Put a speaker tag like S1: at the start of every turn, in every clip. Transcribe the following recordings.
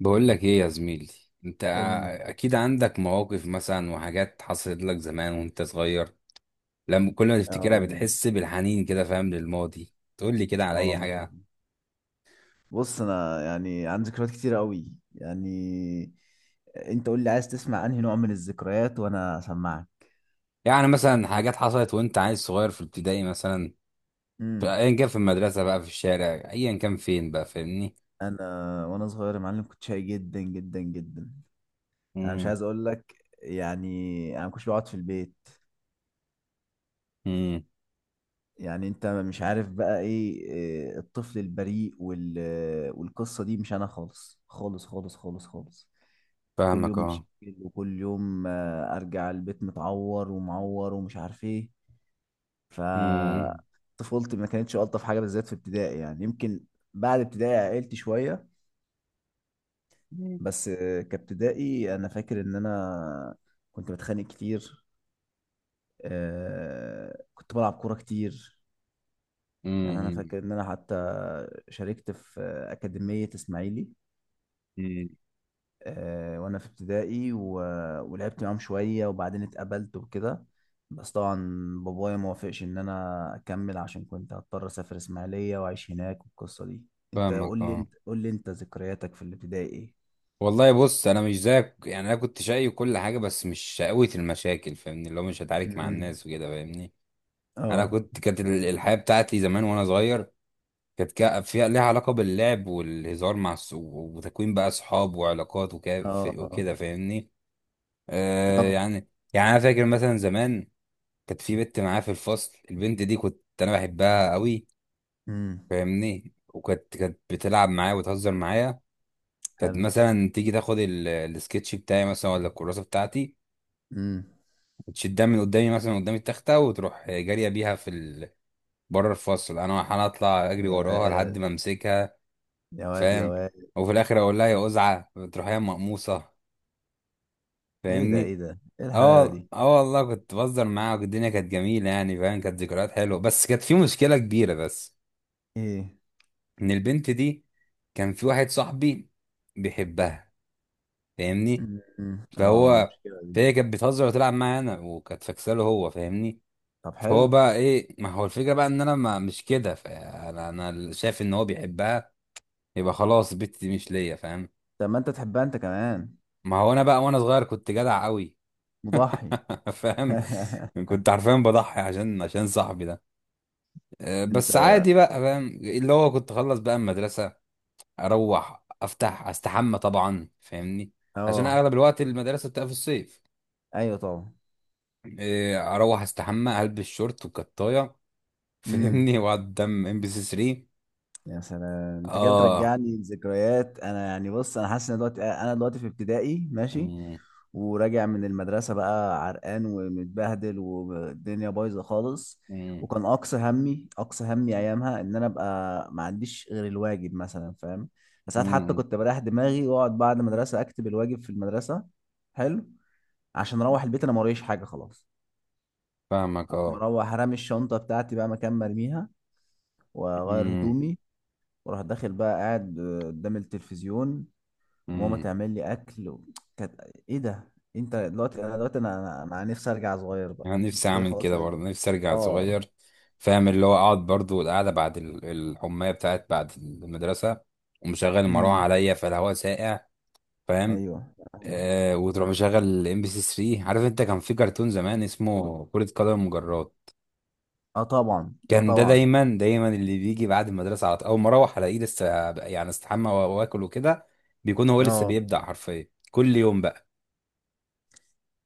S1: بقول لك ايه يا زميلي؟ انت
S2: قول لي.
S1: اكيد عندك مواقف مثلا، وحاجات حصلت لك زمان وانت صغير، لما كل ما تفتكرها
S2: اه،
S1: بتحس بالحنين كده، فاهم؟ للماضي. تقول لي كده على اي
S2: اه،
S1: حاجه؟
S2: بص، انا يعني عندي ذكريات كتير قوي. يعني انت قول لي عايز تسمع انهي نوع من الذكريات وانا اسمعك.
S1: يعني مثلا حاجات حصلت وانت عيل صغير في ابتدائي مثلا، في
S2: امم.
S1: ايا كان، في المدرسه بقى، في الشارع، ايا كان فين بقى، فاهمني؟
S2: انا وانا صغير يا معلم كنت شقي جدا جدا جدا. انا مش
S1: امم.
S2: عايز اقول لك. يعني انا ما كنتش بقعد في البيت.
S1: امم.
S2: يعني انت مش عارف بقى إيه، الطفل البريء والقصة دي مش انا خالص خالص خالص خالص خالص. كل
S1: فاهمك،
S2: يوم
S1: اه.
S2: مشاكل، وكل يوم ارجع البيت متعور ومعور ومش عارف ايه. ف
S1: امم.
S2: طفولتي ما كانتش الطف حاجه، بالذات في ابتدائي يعني، يمكن بعد ابتدائي عقلت شويه. بس كابتدائي انا فاكر ان انا كنت بتخانق كتير. كنت بلعب كوره كتير. يعني انا
S1: امم.
S2: فاكر ان انا حتى شاركت في اكاديميه اسماعيلي،
S1: أمم.
S2: وانا في ابتدائي. ولعبت معاهم شويه وبعدين اتقبلت وكده، بس طبعا بابايا ما وافقش ان انا اكمل عشان كنت هضطر اسافر اسماعيليه واعيش هناك والقصه دي. انت قول
S1: فاهمك،
S2: لي
S1: اه.
S2: انت قول لي انت ذكرياتك في الابتدائي ايه.
S1: والله بص، انا مش زيك، يعني انا كنت شقي وكل حاجه، بس مش شقاوة المشاكل، فاهمني؟ اللي هو مش هتعارك مع
S2: امم.
S1: الناس وكده، فاهمني؟ انا
S2: اه.
S1: كنت كانت الحياه بتاعتي زمان وانا صغير، كانت فيها ليها علاقه باللعب والهزار مع وتكوين بقى اصحاب وعلاقات
S2: اه.
S1: وكده،
S2: اه.
S1: فاهمني؟
S2: اه.
S1: يعني، يعني انا فاكر مثلا زمان، كانت في بنت معايا في الفصل، البنت دي كنت انا بحبها قوي،
S2: امم.
S1: فاهمني؟ وكانت بتلعب معايا وتهزر معايا. كانت
S2: حلو.
S1: مثلا تيجي تاخد السكتش بتاعي مثلا ولا الكراسه بتاعتي،
S2: امم.
S1: وتشدها من قدامي مثلا قدام التختة، وتروح جارية بيها بره الفصل. انا اطلع اجري
S2: يا
S1: وراها لحد
S2: واد
S1: ما امسكها،
S2: يا واد يا
S1: فاهم؟
S2: واد.
S1: وفي الاخر اقول لها يا قزعة، تروح هي مقموصة،
S2: ايه ده،
S1: فاهمني؟
S2: ايه ده، ايه الحلاوه
S1: اه،
S2: دي.
S1: اه، والله كنت بهزر معاها، والدنيا كانت جميلة، يعني فاهم؟ كانت ذكريات حلوة، بس كانت في مشكلة كبيرة بس.
S2: ايه.
S1: ان البنت دي كان في واحد صاحبي بيحبها، فاهمني؟
S2: أمم، اه
S1: فهو
S2: مشكلة دي.
S1: فهي كانت بتهزر وتلعب معايا انا، وكانت فاكساله هو، فاهمني؟
S2: طب
S1: فهو
S2: حلو.
S1: بقى ايه، ما هو الفكره بقى ان انا ما مش كده، فانا انا شايف ان هو بيحبها، يبقى خلاص البت دي مش ليا، فاهم؟
S2: طب ما انت تحبها انت كمان.
S1: ما هو انا بقى وانا صغير كنت جدع قوي.
S2: مضحي.
S1: فاهم؟ كنت حرفيا بضحي عشان صاحبي ده.
S2: انت.
S1: بس عادي بقى، فاهم؟ اللي هو كنت اخلص بقى المدرسه، اروح افتح استحمى طبعا، فاهمني؟ عشان
S2: اه.
S1: اغلب الوقت المدرسه بتبقى في الصيف.
S2: ايوه طبعا.
S1: اروح استحمى، البس شورت وكطايه،
S2: امم.
S1: فاهمني؟ واقعد قدام ام بي سي 3.
S2: يا سلام، انت كده
S1: اه.
S2: بترجعني لذكريات. انا يعني، بص، انا حاسس ان دلوقتي، انا دلوقتي في ابتدائي ماشي، وراجع من المدرسه بقى عرقان ومتبهدل والدنيا بايظه خالص.
S1: مم.
S2: وكان اقصى همي ايامها ان انا ابقى ما عنديش غير الواجب مثلا، فاهم. ساعات حتى
S1: مم.
S2: كنت بريح دماغي واقعد بعد المدرسه اكتب الواجب في المدرسه. حلو. عشان اروح البيت انا ما وريش حاجه خلاص.
S1: فاهمك،
S2: اروح
S1: اه.
S2: مروح رامي الشنطه بتاعتي بقى مكان مرميها، واغير
S1: مم.
S2: هدومي، وراح داخل بقى قاعد قدام التلفزيون، وماما
S1: مم.
S2: تعمل لي اكل و... كانت ايه ده، انت دلوقتي، انا دلوقتي انا انا أنا نفسي ارجع صغير. بقى
S1: انا نفسي
S2: انت كده
S1: اعمل
S2: خلاص
S1: كده
S2: رجع.
S1: برضه، نفسي ارجع
S2: اه.
S1: صغير، فاهم؟ اللي هو اقعد برضه، والقعده بعد الحمايه بتاعت بعد المدرسه، ومشغل المروحه
S2: امم.
S1: عليا، فالهواء ساقع، فاهم؟
S2: ايوه.
S1: وتروح مشغل الام بي سي 3. عارف انت كان في كرتون زمان اسمه كرة قدم المجرات؟
S2: اه طبعا. اه
S1: كان ده
S2: طبعا.
S1: دايما دايما اللي بيجي بعد المدرسه على طول، اول ما اروح الاقيه لسه، يعني استحمى واكل وكده، بيكون هو لسه
S2: اه،
S1: بيبدأ حرفيا كل يوم بقى.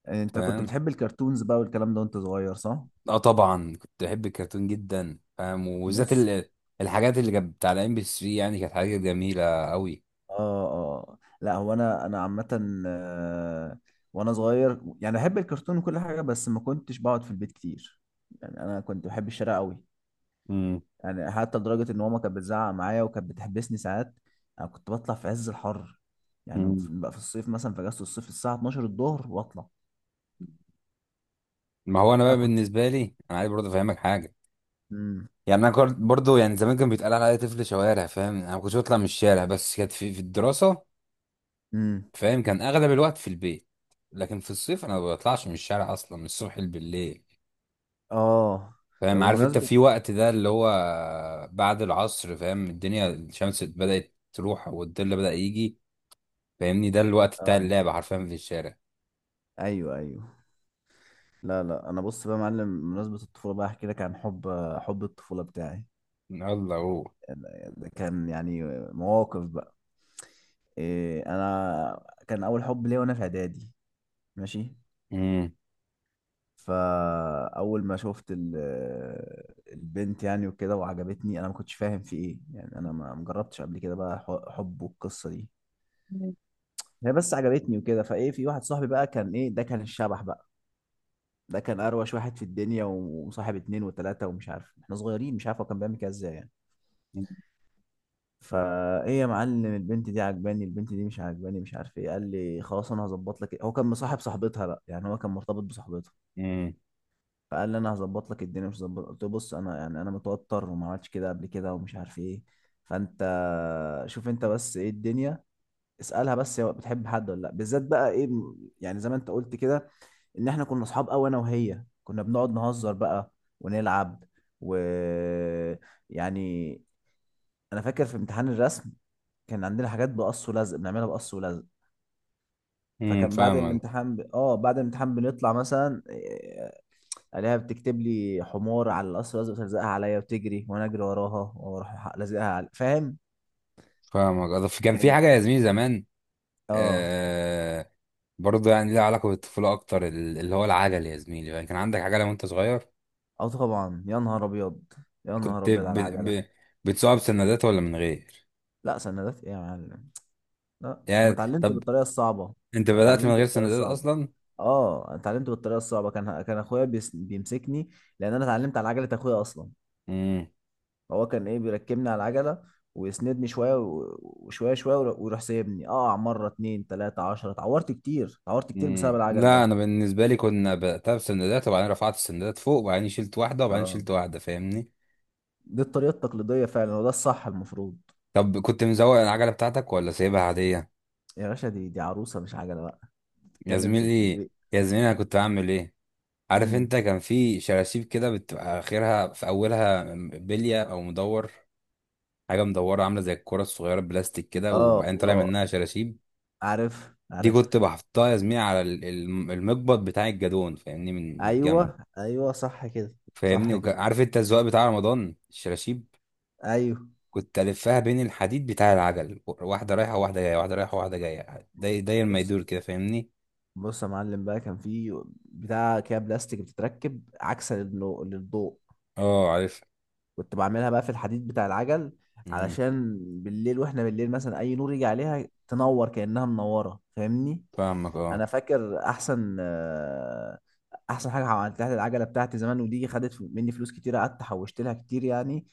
S2: انت كنت
S1: فاهم؟
S2: بتحب الكرتونز بقى والكلام ده وانت صغير، صح.
S1: اه طبعا كنت بحب الكرتون جدا، فاهم؟ وبالذات
S2: بص.
S1: الحاجات اللي كانت بتاع الام بي 3، يعني كانت حاجات جميله قوي.
S2: اه. اه. لا هو انا عامه، وانا صغير يعني بحب الكرتون وكل حاجه، بس ما كنتش بقعد في البيت كتير. يعني انا كنت بحب الشارع قوي.
S1: امم.
S2: يعني حتى لدرجة إن ماما كانت بتزعق معايا وكانت بتحبسني ساعات. أنا كنت بطلع في عز الحر. يعني في
S1: امم.
S2: بقى في الصيف مثلا، في أجازة الصيف الساعة 12 الظهر وأطلع.
S1: ما هو انا بقى
S2: أنا كنت
S1: بالنسبه لي، انا عايز برضه افهمك حاجه.
S2: مم.
S1: يعني انا كنت برضه، يعني زمان كان بيتقال عليا طفل شوارع، فاهم؟ انا ما كنتش بطلع من الشارع، بس كانت في الدراسه،
S2: مم.
S1: فاهم؟ كان اغلب الوقت في البيت، لكن في الصيف انا ما بطلعش من الشارع اصلا، من الصبح بالليل،
S2: آه طب
S1: فاهم؟ عارف انت
S2: بمناسبة،
S1: في وقت ده اللي هو بعد العصر، فاهم؟ الدنيا الشمس بدأت تروح والظل بدأ يجي، فاهمني؟ ده الوقت بتاع
S2: آه.
S1: اللعب حرفيا في الشارع.
S2: أيوه أيوه. لا لا، أنا بص بقى يا معلم، بمناسبة الطفولة بقى أحكي لك عن حب الطفولة بتاعي.
S1: يلا هو.
S2: ده كان يعني مواقف بقى. إيه أنا، كان أول حب ليا وأنا في إعدادي. ماشي.
S1: امم.
S2: فاول ما شفت البنت يعني وكده وعجبتني، انا ما كنتش فاهم في ايه. يعني انا ما جربتش قبل كده بقى حب والقصه دي. هي بس عجبتني وكده، فايه، في واحد صاحبي بقى كان ايه ده، كان الشبح بقى. ده كان اروش واحد في الدنيا، وصاحب اتنين وتلاته، ومش عارف احنا صغيرين مش عارف هو كان بيعمل كده ازاي يعني. فايه يا معلم، البنت دي عجباني، البنت دي مش عجباني، مش عارف ايه. قال لي خلاص انا هظبط لك. هو كان مصاحب صاحبتها بقى، يعني هو كان مرتبط بصاحبتها.
S1: امم.
S2: فقال لي انا هظبط لك الدنيا، مش هظبط. قلت له بص، انا يعني انا متوتر وما عملتش كده قبل كده ومش عارف ايه. فانت شوف انت بس ايه الدنيا. اسالها بس هي بتحب حد ولا لا، بالذات بقى ايه يعني زي ما انت قلت كده، ان احنا كنا اصحاب قوي. انا وهي كنا بنقعد نهزر بقى ونلعب و يعني. انا فاكر في امتحان الرسم كان عندنا حاجات بقص ولزق، بنعملها بقص ولزق.
S1: امم.
S2: فكان بعد
S1: فاهمك.
S2: الامتحان بنطلع مثلا، الاقيها بتكتب لي حمار على القصر، لازم تلزقها عليا وتجري وانا اجري وراها واروح لازقها على، فاهم.
S1: فاهمك. كان في
S2: كان
S1: حاجه يا زميلي زمان،
S2: اه.
S1: آه برضه يعني ليها علاقه بالطفوله اكتر، اللي هو العجل يا زميلي، يعني كان عندك عجله وانت صغير؟
S2: اه طبعا. يا نهار ابيض، يا نهار
S1: كنت
S2: ابيض على العجله.
S1: ب... بتسوقها بسندات ولا من غير؟
S2: لا سندات ايه يا معلم، لا انا
S1: يعني
S2: اتعلمت
S1: طب
S2: بالطريقه الصعبه.
S1: انت
S2: انا
S1: بدأت من
S2: اتعلمت
S1: غير
S2: بالطريقه
S1: سندات
S2: الصعبه.
S1: اصلا؟
S2: اه، انا اتعلمت بالطريقه الصعبه. كان اخويا بيمسكني، لان انا اتعلمت على عجله اخويا اصلا.
S1: امم.
S2: هو كان ايه بيركبني على العجله ويسندني شويه و- وشويه شويه، ويروح سايبني اقع مره اتنين تلاته عشره. اتعورت كتير، اتعورت كتير بسبب
S1: امم.
S2: العجل
S1: لا
S2: ده.
S1: انا بالنسبه لي كنا بدأتها بسندات، وبعدين رفعت السندات فوق، وبعدين شلت واحده، وبعدين
S2: اه،
S1: شلت واحده، فاهمني؟
S2: دي الطريقة التقليدية فعلا وده الصح المفروض.
S1: طب كنت مزوق العجلة بتاعتك ولا سايبها عادية؟
S2: يا باشا، دي عروسة مش عجلة بقى،
S1: يا
S2: تتكلم في
S1: زميلي،
S2: التسويق.
S1: يا زميلي، انا كنت بعمل ايه؟ عارف
S2: امم.
S1: انت كان في شراشيب كده بتبقى اخرها في اولها بلية او مدور؟ حاجة مدورة عاملة زي الكرة الصغيرة بلاستيك كده،
S2: اه.
S1: وبعدين طالع
S2: اه.
S1: منها شراشيب.
S2: عارف
S1: دي
S2: عارف.
S1: كنت بحطها يا زميلي على المقبض بتاع الجدون، فاهمني؟ من الجنب،
S2: ايوه ايوه صح كده.
S1: فاهمني؟
S2: صح كده.
S1: عارف انت الزواق بتاع رمضان، الشراشيب؟
S2: ايوه.
S1: كنت الفها بين الحديد بتاع العجل، واحدة رايحة وواحدة جاية، واحدة رايحة وواحدة جاية، داير داير ما
S2: بص،
S1: يدور كده، فاهمني؟
S2: بص يا معلم بقى، كان في بتاع كده بلاستيك بتتركب عكسا للضوء،
S1: اه، عارف.
S2: كنت بعملها بقى في الحديد بتاع العجل
S1: مم.
S2: علشان بالليل، واحنا بالليل مثلا اي نور يجي عليها تنور كأنها منورة، فاهمني.
S1: فاهمك، اه.
S2: انا فاكر احسن حاجه عملتها للعجله بتاعتي زمان، ودي خدت مني فلوس كتير، قعدت حوشت لها كتير يعني.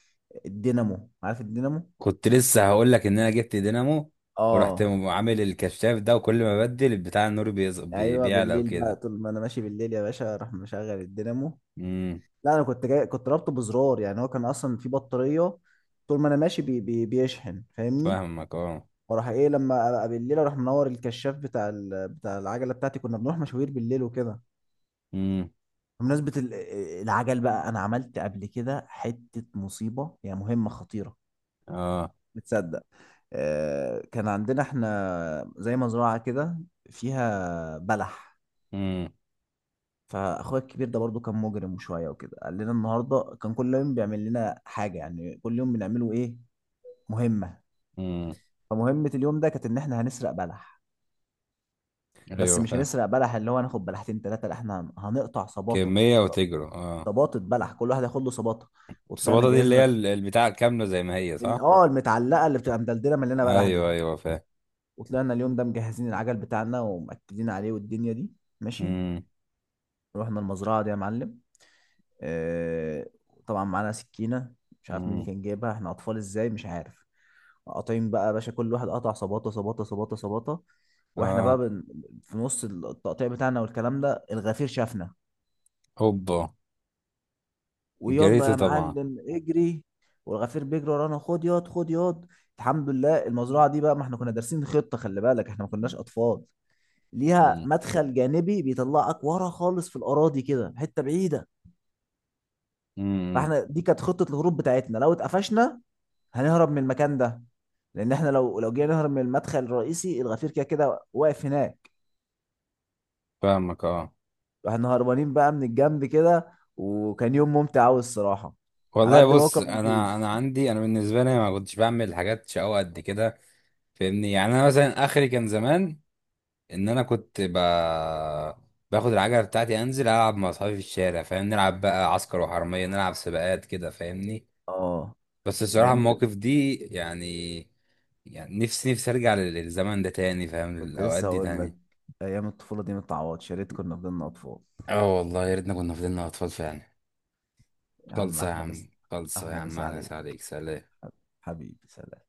S2: الدينامو، عارف الدينامو.
S1: كنت لسه هقول لك ان انا جبت دينامو، ورحت
S2: اه.
S1: عامل الكشاف ده، وكل ما بدل البتاع النور
S2: ايوه،
S1: بيعلى
S2: بالليل بقى
S1: وكده.
S2: طول ما انا ماشي بالليل يا باشا اروح مشغل الدينامو.
S1: امم.
S2: لا، انا كنت جاي كنت رابطه بزرار، يعني هو كان اصلا في بطاريه. طول ما انا ماشي بي بي بيشحن، فاهمني.
S1: فاهمك، اه.
S2: واروح ايه، لما ابقى بالليل اروح منور الكشاف بتاع العجله بتاعتي. كنا بنروح مشاوير بالليل وكده.
S1: امم.
S2: بمناسبة العجل بقى، أنا عملت قبل كده حتة مصيبة، يعني مهمة خطيرة.
S1: اه.
S2: بتصدق، كان عندنا احنا زي مزرعة كده فيها بلح.
S1: امم.
S2: فأخويا الكبير ده برضو كان مجرم شوية وكده، قال لنا النهاردة، كان كل يوم بيعمل لنا حاجة، يعني كل يوم بنعمله إيه، مهمة.
S1: امم.
S2: فمهمة اليوم ده كانت إن احنا هنسرق بلح، بس
S1: ايوه
S2: مش
S1: فاهم.
S2: هنسرق بلح اللي هو هناخد بلحتين تلاتة، لا احنا هنقطع صباطة،
S1: كمية
S2: ص-
S1: وتجري، اه.
S2: صباطة بلح، كل واحد ياخد له صباطة. وطلعنا
S1: الصباطة دي اللي هي
S2: جهزنا
S1: البتاع كاملة زي ما هي، صح؟
S2: المتعلقه اللي بتبقى مدلدله مليانه بلح دي،
S1: ايوه، ايوه، فاهم.
S2: وطلعنا اليوم ده مجهزين العجل بتاعنا ومأكدين عليه والدنيا دي، ماشي.
S1: امم.
S2: رحنا المزرعه دي يا معلم. آه طبعا معانا سكينه، مش عارف مين اللي
S1: امم.
S2: كان جايبها، احنا اطفال ازاي، مش عارف. قاطعين بقى يا باشا كل واحد قطع صباطه صباطه صباطه صباطه. واحنا بقى
S1: اه.
S2: في نص التقطيع بتاعنا والكلام ده، الغفير شافنا.
S1: هوبا. جريت
S2: ويلا يا
S1: طبعا.
S2: معلم اجري. والغفير بيجري ورانا، خد ياض، خد ياض. الحمد لله المزرعه دي بقى ما احنا كنا دارسين خطه، خلي بالك احنا ما كناش اطفال. ليها
S1: امم.
S2: مدخل جانبي بيطلعك ورا خالص في الاراضي كده حته بعيده.
S1: امم.
S2: فاحنا دي كانت خطه الهروب بتاعتنا لو اتقفشنا هنهرب من المكان ده، لان احنا لو جينا نهرب من المدخل الرئيسي الغفير كده كده واقف هناك.
S1: فاهمك، اه.
S2: واحنا هربانين بقى من الجنب كده. وكان يوم ممتع قوي الصراحه، على
S1: والله
S2: قد ما هو
S1: بص،
S2: كان
S1: انا انا
S2: مخيف.
S1: عندي انا بالنسبه لي ما كنتش بعمل حاجات شقاوة قد كده، فاهمني؟ يعني انا مثلا اخري كان زمان ان انا كنت باخد العجله بتاعتي، انزل العب مع اصحابي في الشارع، فاهم؟ نلعب بقى عسكر وحراميه، نلعب سباقات كده، فاهمني؟
S2: اه.
S1: بس الصراحه
S2: ايام.
S1: المواقف دي يعني نفسي، نفسي ارجع للزمن ده تاني، فاهم؟
S2: كنت
S1: الاوقات
S2: لسه
S1: دي
S2: اقول لك،
S1: تاني.
S2: ايام الطفوله دي ما تتعوضش، يا ريت كنا فضلنا اطفال.
S1: اه والله يا ريتنا كنا فضلنا اطفال فعلا.
S2: يا عم
S1: خلصه يا
S2: احلى
S1: عم،
S2: بس.
S1: خلصه يا
S2: احلى
S1: عم،
S2: مسا
S1: احلى
S2: عليك.
S1: مسا عليك، سلام.
S2: حبيبي سلام.